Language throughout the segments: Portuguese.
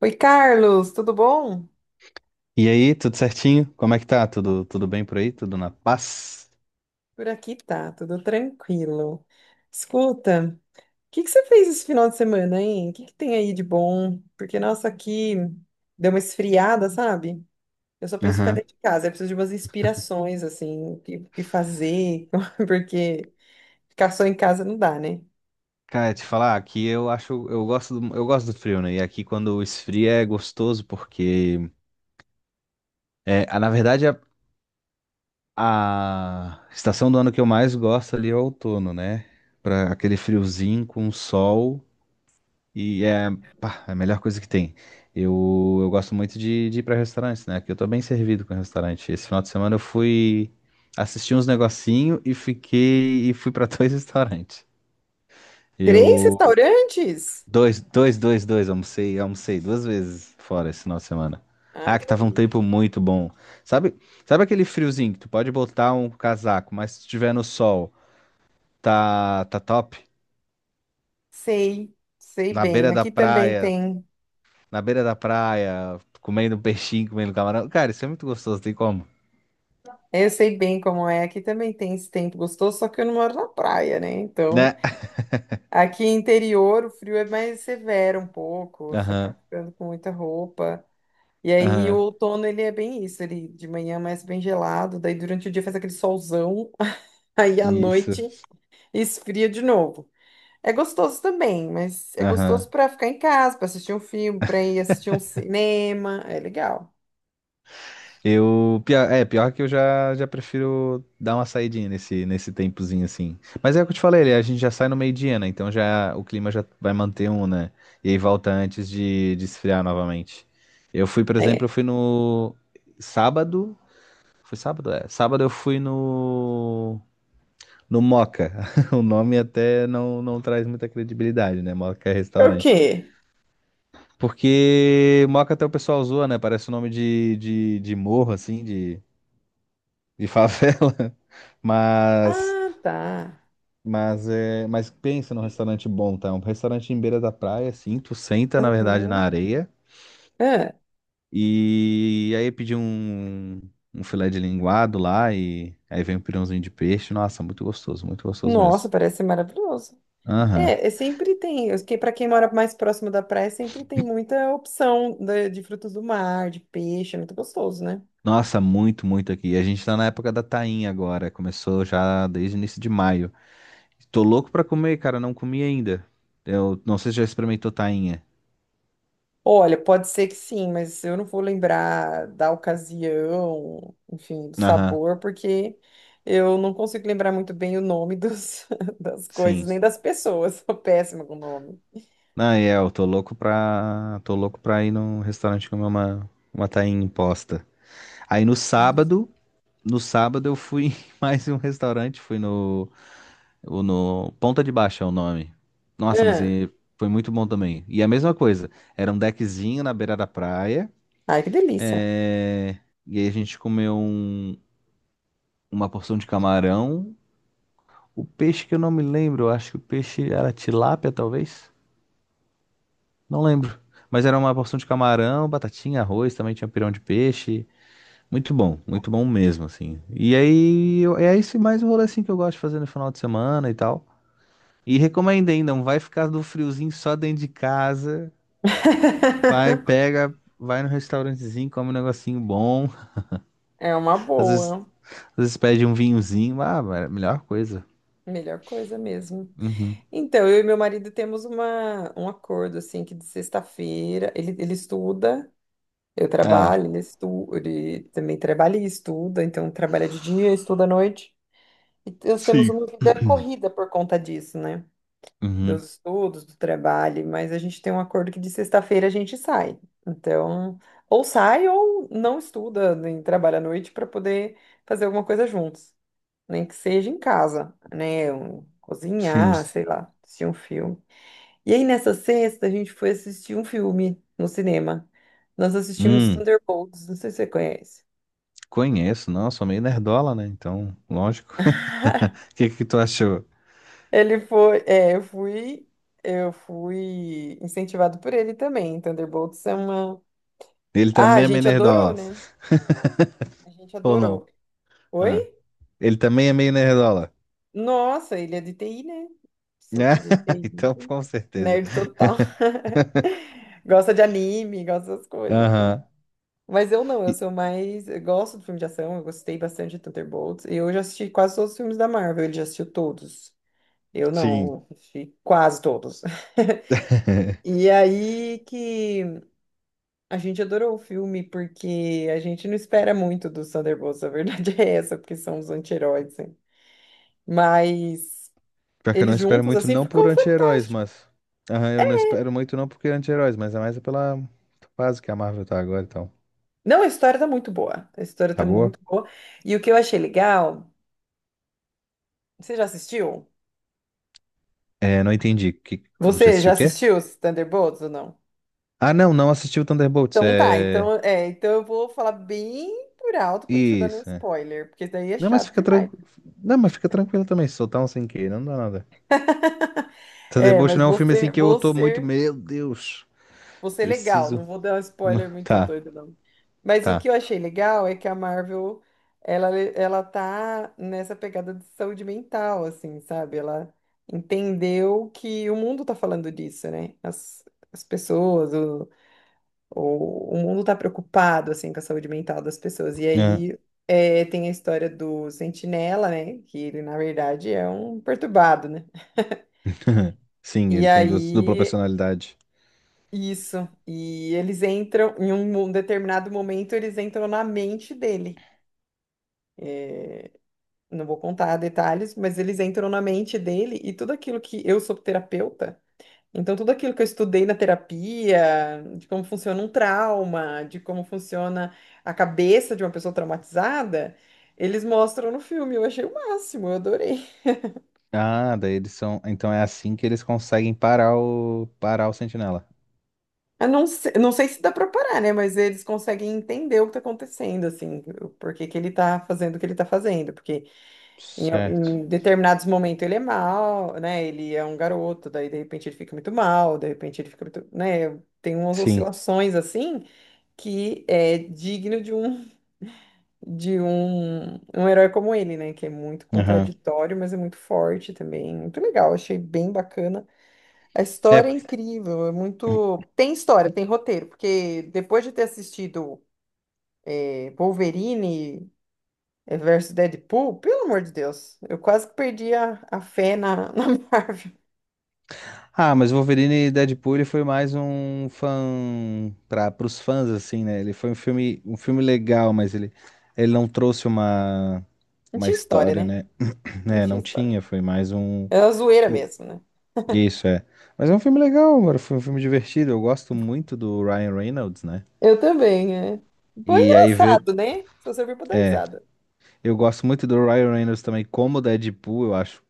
Oi, Carlos, tudo bom? E aí, tudo certinho? Como é que tá? Tudo bem por aí? Tudo na paz? Por aqui tá, tudo tranquilo. Escuta, o que que você fez esse final de semana, hein? O que que tem aí de bom? Porque, nossa, aqui deu uma esfriada, sabe? Eu só penso em ficar Aham. dentro de casa, eu preciso de umas inspirações, assim, o que fazer, porque ficar só em casa não dá, né? Cara, te falar, aqui eu acho, eu gosto do frio, né? E aqui quando esfria é gostoso porque, é, a- na verdade, a, a estação do ano que eu mais gosto ali é o outono, né? Pra aquele friozinho com sol. E é, pá, é a melhor coisa que tem. Eu gosto muito de ir para restaurantes, né? Que eu tô bem servido com restaurante. Esse final de semana eu fui assistir uns negocinho e fiquei e fui para dois restaurantes. Três Eu restaurantes? dois, dois, dois, dois, almocei duas vezes fora esse final de semana. Ai, Ah, que que tava um tempo delícia. muito bom. Sabe, sabe aquele friozinho que tu pode botar um casaco, mas se estiver no sol, tá top. Sei, sei Na bem. beira da Aqui também praia, tem. na beira da praia, comendo um peixinho, comendo camarão. Cara, isso é muito gostoso, tem como, Eu sei bem como é. Aqui também tem esse tempo gostoso, só que eu não moro na praia, né? Então. né? Aqui interior, o frio é mais severo um pouco, você acaba Aham, ficando com muita roupa. E aí o aham, outono ele é bem isso, ele de manhã é mais bem gelado, daí durante o dia faz aquele solzão, aí à isso, noite esfria de novo. É gostoso também, mas é aham. gostoso para ficar em casa, para assistir um filme, para ir assistir um cinema, é legal. Pior que eu já prefiro dar uma saidinha nesse tempozinho assim. Mas é o que eu te falei, a gente já sai no meio-dia, né? Então já o clima já vai manter um, né? E aí volta antes de esfriar novamente. Eu fui, por exemplo, eu É. fui no sábado, foi sábado, é. Sábado eu fui no Moca. O nome até não traz muita credibilidade, né? Moca é É o restaurante. quê? Porque Moca até o pessoal zoa, né? Parece o nome de morro, assim, de favela. Mas, Ah, tá. Mas pensa num restaurante bom, tá? Um restaurante em beira da praia, assim. Tu senta, na verdade, na Aham. areia. É. E aí pedir um filé de linguado lá. E aí vem um pirãozinho de peixe. Nossa, muito gostoso Nossa, mesmo. parece ser maravilhoso. Aham. É, é sempre tem, para quem mora mais próximo da praia, sempre tem muita opção de frutos do mar, de peixe, é muito gostoso, né? Nossa, muito, muito aqui. A gente tá na época da tainha agora. Começou já desde o início de maio. Tô louco pra comer, cara. Não comi ainda. Eu não sei se já experimentou tainha. Olha, pode ser que sim, mas eu não vou lembrar da ocasião, enfim, do Aham, sabor, porque eu não consigo lembrar muito bem o nome dos, das coisas, sim. nem das pessoas, sou péssima com o nome. Não, é, eu tô louco pra. Tô louco pra ir num restaurante comer uma tainha imposta. Aí no sábado, no sábado eu fui em mais um restaurante, fui no. Ponta de Baixa é o nome. Nossa, mas Ah, e- foi muito bom também. E a mesma coisa. Era um deckzinho na beira da praia. ai, que delícia! É, e aí a gente comeu um- uma porção de camarão. O peixe que eu não me lembro, eu acho que o peixe era tilápia, talvez. Não lembro. Mas era uma porção de camarão, batatinha, arroz, também tinha pirão de peixe. Muito bom mesmo, assim. E aí, é esse mais o rolê assim que eu gosto de fazer no final de semana e tal. E recomendo hein, não vai ficar do friozinho só dentro de casa. Vai, pega, vai no restaurantezinho, come um negocinho bom. É uma Às vezes, boa, às vezes pede um vinhozinho. Ah, a melhor coisa. melhor coisa mesmo. Uhum. Então, eu e meu marido temos um acordo, assim, que de sexta-feira ele, ele estuda, eu Ah, trabalho, ele, ele também trabalha e estuda, então trabalha de dia, estuda à noite. E nós temos sim. uma vida corrida por conta disso, né? Dos Uhum. estudos, do trabalho, mas a gente tem um acordo que de sexta-feira a gente sai. Então, ou sai ou não estuda, nem trabalha à noite para poder fazer alguma coisa juntos, nem que seja em casa, né? Sim. Cozinhar, sei lá, assistir um filme. E aí, nessa sexta, a gente foi assistir um filme no cinema. Nós assistimos Hum, Thunderbolts, não sei se você conhece. conheço, não, sou meio nerdola, né? Então, lógico. O que que tu achou? Ele foi, é, eu fui incentivado por ele também. Thunderbolts é uma. Ele Ah, a também é meio gente adorou, nerdola. né? A gente Ou adorou. não? Oi? Ah, ele também é meio nerdola. Nossa, ele é de TI, né? Sou que de Ah, então, TI. com certeza. Nerd total. Gosta de anime, gosta das coisas, assim. Aham. Mas eu não, eu E- sou mais. Eu gosto do filme de ação, eu gostei bastante de Thunderbolts. E eu já assisti quase todos os filmes da Marvel, ele já assistiu todos. Eu sim. não, assisti quase todos. E aí que a gente adorou o filme, porque a gente não espera muito dos Thunderbolts, a verdade é essa, porque são os anti-heróis, né? Mas Pior que eu não eles espero juntos, muito assim, não por ficou anti-heróis, fantástico. mas... Aham, eu não espero muito não porque anti-heróis, mas é mais pela fase que a Marvel tá agora, então. Não, a história tá muito boa. A história tá Tá boa? muito boa. E o que eu achei legal, você já assistiu? É, não entendi. Que... Já Você já assistiu o quê? assistiu os Thunderbolts ou não? Ah, não, não assisti o Thunderbolts. Então tá, É. então, é, então eu vou falar bem por alto pra não te dar nenhum Isso, é. spoiler, porque isso daí é Não, mas chato fica demais. tranquilo. Não, mas fica tranquilo também, se soltar um sem querer, não dá nada. É, Thunderbolts mas não é um vou filme assim ser, que eu vou tô muito. ser, Meu Deus, vou ser legal, preciso. não vou dar um spoiler muito Tá, doido, não. Mas o tá. que eu achei legal é que a Marvel, ela tá nessa pegada de saúde mental, assim, sabe? Ela entendeu que o mundo tá falando disso, né? As pessoas, o mundo está preocupado assim com a saúde mental das pessoas. E Ah, aí é, tem a história do Sentinela, né? Que ele na verdade é um perturbado, né? sim, E ele tem duas- dupla aí personalidade. isso. E eles entram em um, um determinado momento, eles entram na mente dele. Não vou contar detalhes, mas eles entram na mente dele e tudo aquilo que eu sou terapeuta. Então, tudo aquilo que eu estudei na terapia, de como funciona um trauma, de como funciona a cabeça de uma pessoa traumatizada, eles mostram no filme. Eu achei o máximo, eu adorei. Ah, daí eles são. Então é assim que eles conseguem parar o. parar o Sentinela. Eu não sei, não sei se dá pra parar, né? Mas eles conseguem entender o que tá acontecendo, assim, o porquê que ele tá fazendo o que ele tá fazendo. Porque em, Certo. em determinados momentos ele é mal, né? Ele é um garoto, daí de repente ele fica muito mal, de repente ele fica muito, né? Tem umas Sim. oscilações assim que é digno de um. De um, um herói como ele, né? Que é muito Aham. contraditório, mas é muito forte também. Muito legal, achei bem bacana. A É, história é porque incrível, é muito. Tem história, tem roteiro, porque depois de ter assistido Wolverine versus Deadpool, pelo amor de Deus, eu quase que perdi a fé na, na Marvel. ah, mas Wolverine e Deadpool ele foi mais um fã para os fãs assim, né? Ele foi um filme legal, mas ele ele não trouxe uma Não uma tinha história, história, né? né? Não Né, tinha não história. tinha, foi mais um Era uma zoeira pô, mesmo, né? isso é. Mas é um filme legal, mano, foi um filme divertido. Eu gosto muito do Ryan Reynolds, né? Eu também, é. Bom, E aí ver engraçado, né? Só serviu pra dar é, risada. eu gosto muito do Ryan Reynolds também como Deadpool, eu acho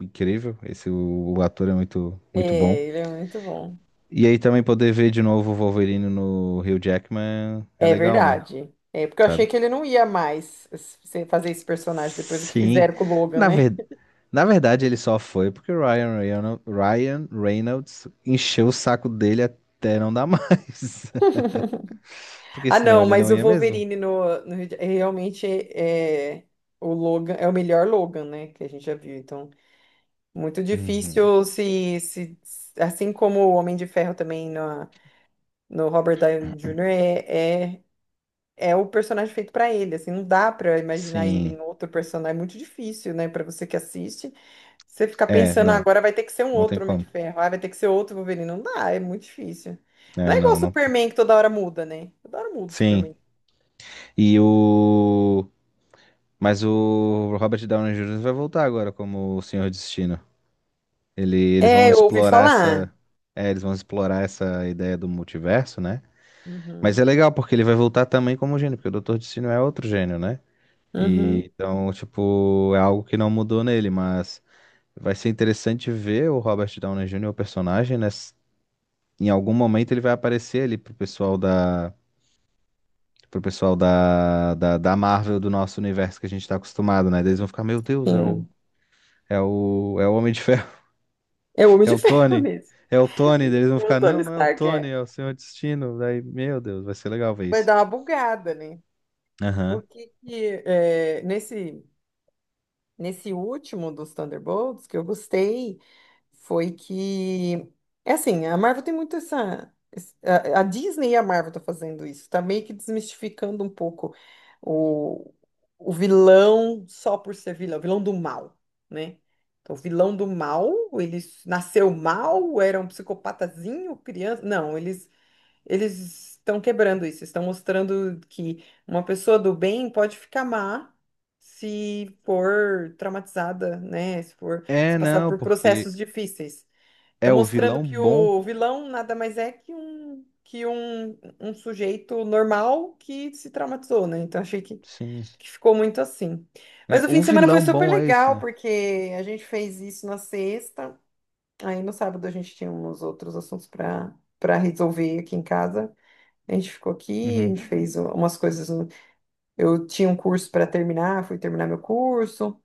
incrível. Esse o ator é muito muito bom. É, ele é muito bom. E aí também poder ver de novo o Wolverine no Hugh Jackman é É legal, né? verdade. É porque eu achei Sabe? que ele não ia mais fazer esse personagem depois do que Sim. fizeram com o Logan, Na né? ver... Na verdade, ele só foi porque Ryan Reynolds encheu o saco dele até não dar mais. Porque Ah, senão não, ele mas não o ia mesmo. Wolverine no, no realmente é o Logan é o melhor Logan, né? Que a gente já viu. Então, muito Uhum. difícil se, se assim como o Homem de Ferro também no Robert Downey Jr. é, é é o personagem feito para ele. Assim, não dá para imaginar ele Sim. em outro personagem. É muito difícil, né? Para você que assiste. Você fica É, pensando, "Ah, não. agora vai ter que ser um Não tem outro Homem como. de Ferro, ah, vai ter que ser outro Wolverine. Não dá, é muito difícil. Não É, é igual o não, não. tem. Superman que toda hora muda, né? Toda hora muda o Sim. Superman. E o. Mas o Robert Downey Jr. vai voltar agora como o Senhor Destino. Eles É, vão eu ouvi explorar falar. essa. É, eles vão explorar essa ideia do multiverso, né? Mas Uhum, é legal, porque ele vai voltar também como gênio, porque o Dr. Destino é outro gênio, né? uhum, E, então, tipo, é algo que não mudou nele, mas vai ser interessante ver o Robert Downey Jr., o personagem, né? S- em algum momento ele vai aparecer ali pro pessoal da. Pro pessoal da, da, da Marvel, do nosso universo que a gente tá acostumado, né? Daí eles vão ficar, meu Deus, sim. É o Homem de Ferro. É o Homem É de o Ferro Tony. mesmo. É o Tony. Daí eles vão O ficar, Tony não, não é o Stark Tony, é. é o Senhor Destino. Daí, meu Deus, vai ser legal ver Vai isso. dar uma bugada, né? O Aham. que que, é, nesse, nesse último dos Thunderbolts que eu gostei foi que. É assim, a Marvel tem muito essa. A a Disney e a Marvel tá fazendo isso. Tá meio que desmistificando um pouco o, o vilão só por ser vilão, o vilão do mal, né? Então, o vilão do mal, nasceu mal, era um psicopatazinho, criança. Não, eles estão quebrando isso, estão mostrando que uma pessoa do bem pode ficar má se for traumatizada, né? Se for, se É, passar não, por porque processos difíceis. Está é o mostrando vilão que bom. o vilão nada mais é que um um sujeito normal que se traumatizou, né? Então achei Sim. que ficou muito assim. É, Mas o fim o de semana foi vilão super bom é isso, legal, né? porque a gente fez isso na sexta, aí no sábado a gente tinha uns outros assuntos para resolver aqui em casa. A gente ficou aqui, a Uhum, gente fez umas coisas. Eu tinha um curso para terminar, fui terminar meu curso.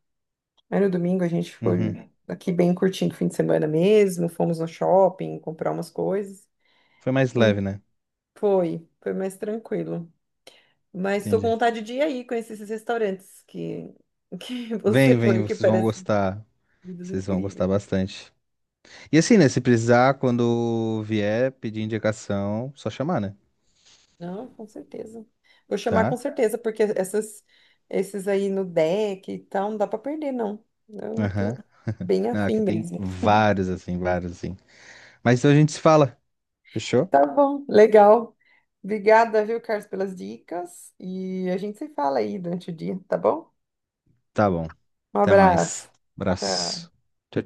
Aí no domingo a gente uhum. foi aqui bem curtindo o fim de semana mesmo. Fomos no shopping comprar umas coisas. Foi mais Hum, leve, né? Foi, foi mais tranquilo. Mas estou com Entendi. vontade de ir aí conhecer esses restaurantes que Vem, você vem, foi, que vocês vão parecem gostar. comidas Vocês vão gostar incríveis. bastante. E assim, né? Se precisar, quando vier pedir indicação, só chamar, né? Não, com certeza. Vou chamar com Tá? certeza, porque essas, esses aí no deck e tal, não dá para perder, não. Eu tô Aham. bem Não, afim aqui tem mesmo. vários, assim, vários, assim. Mas então a gente se fala. Fechou? Tá bom, legal. Obrigada, viu, Carlos, pelas dicas. E a gente se fala aí durante o dia, tá bom? Tá bom. Um Até mais. abraço. Tchau. Abraço. Tchau,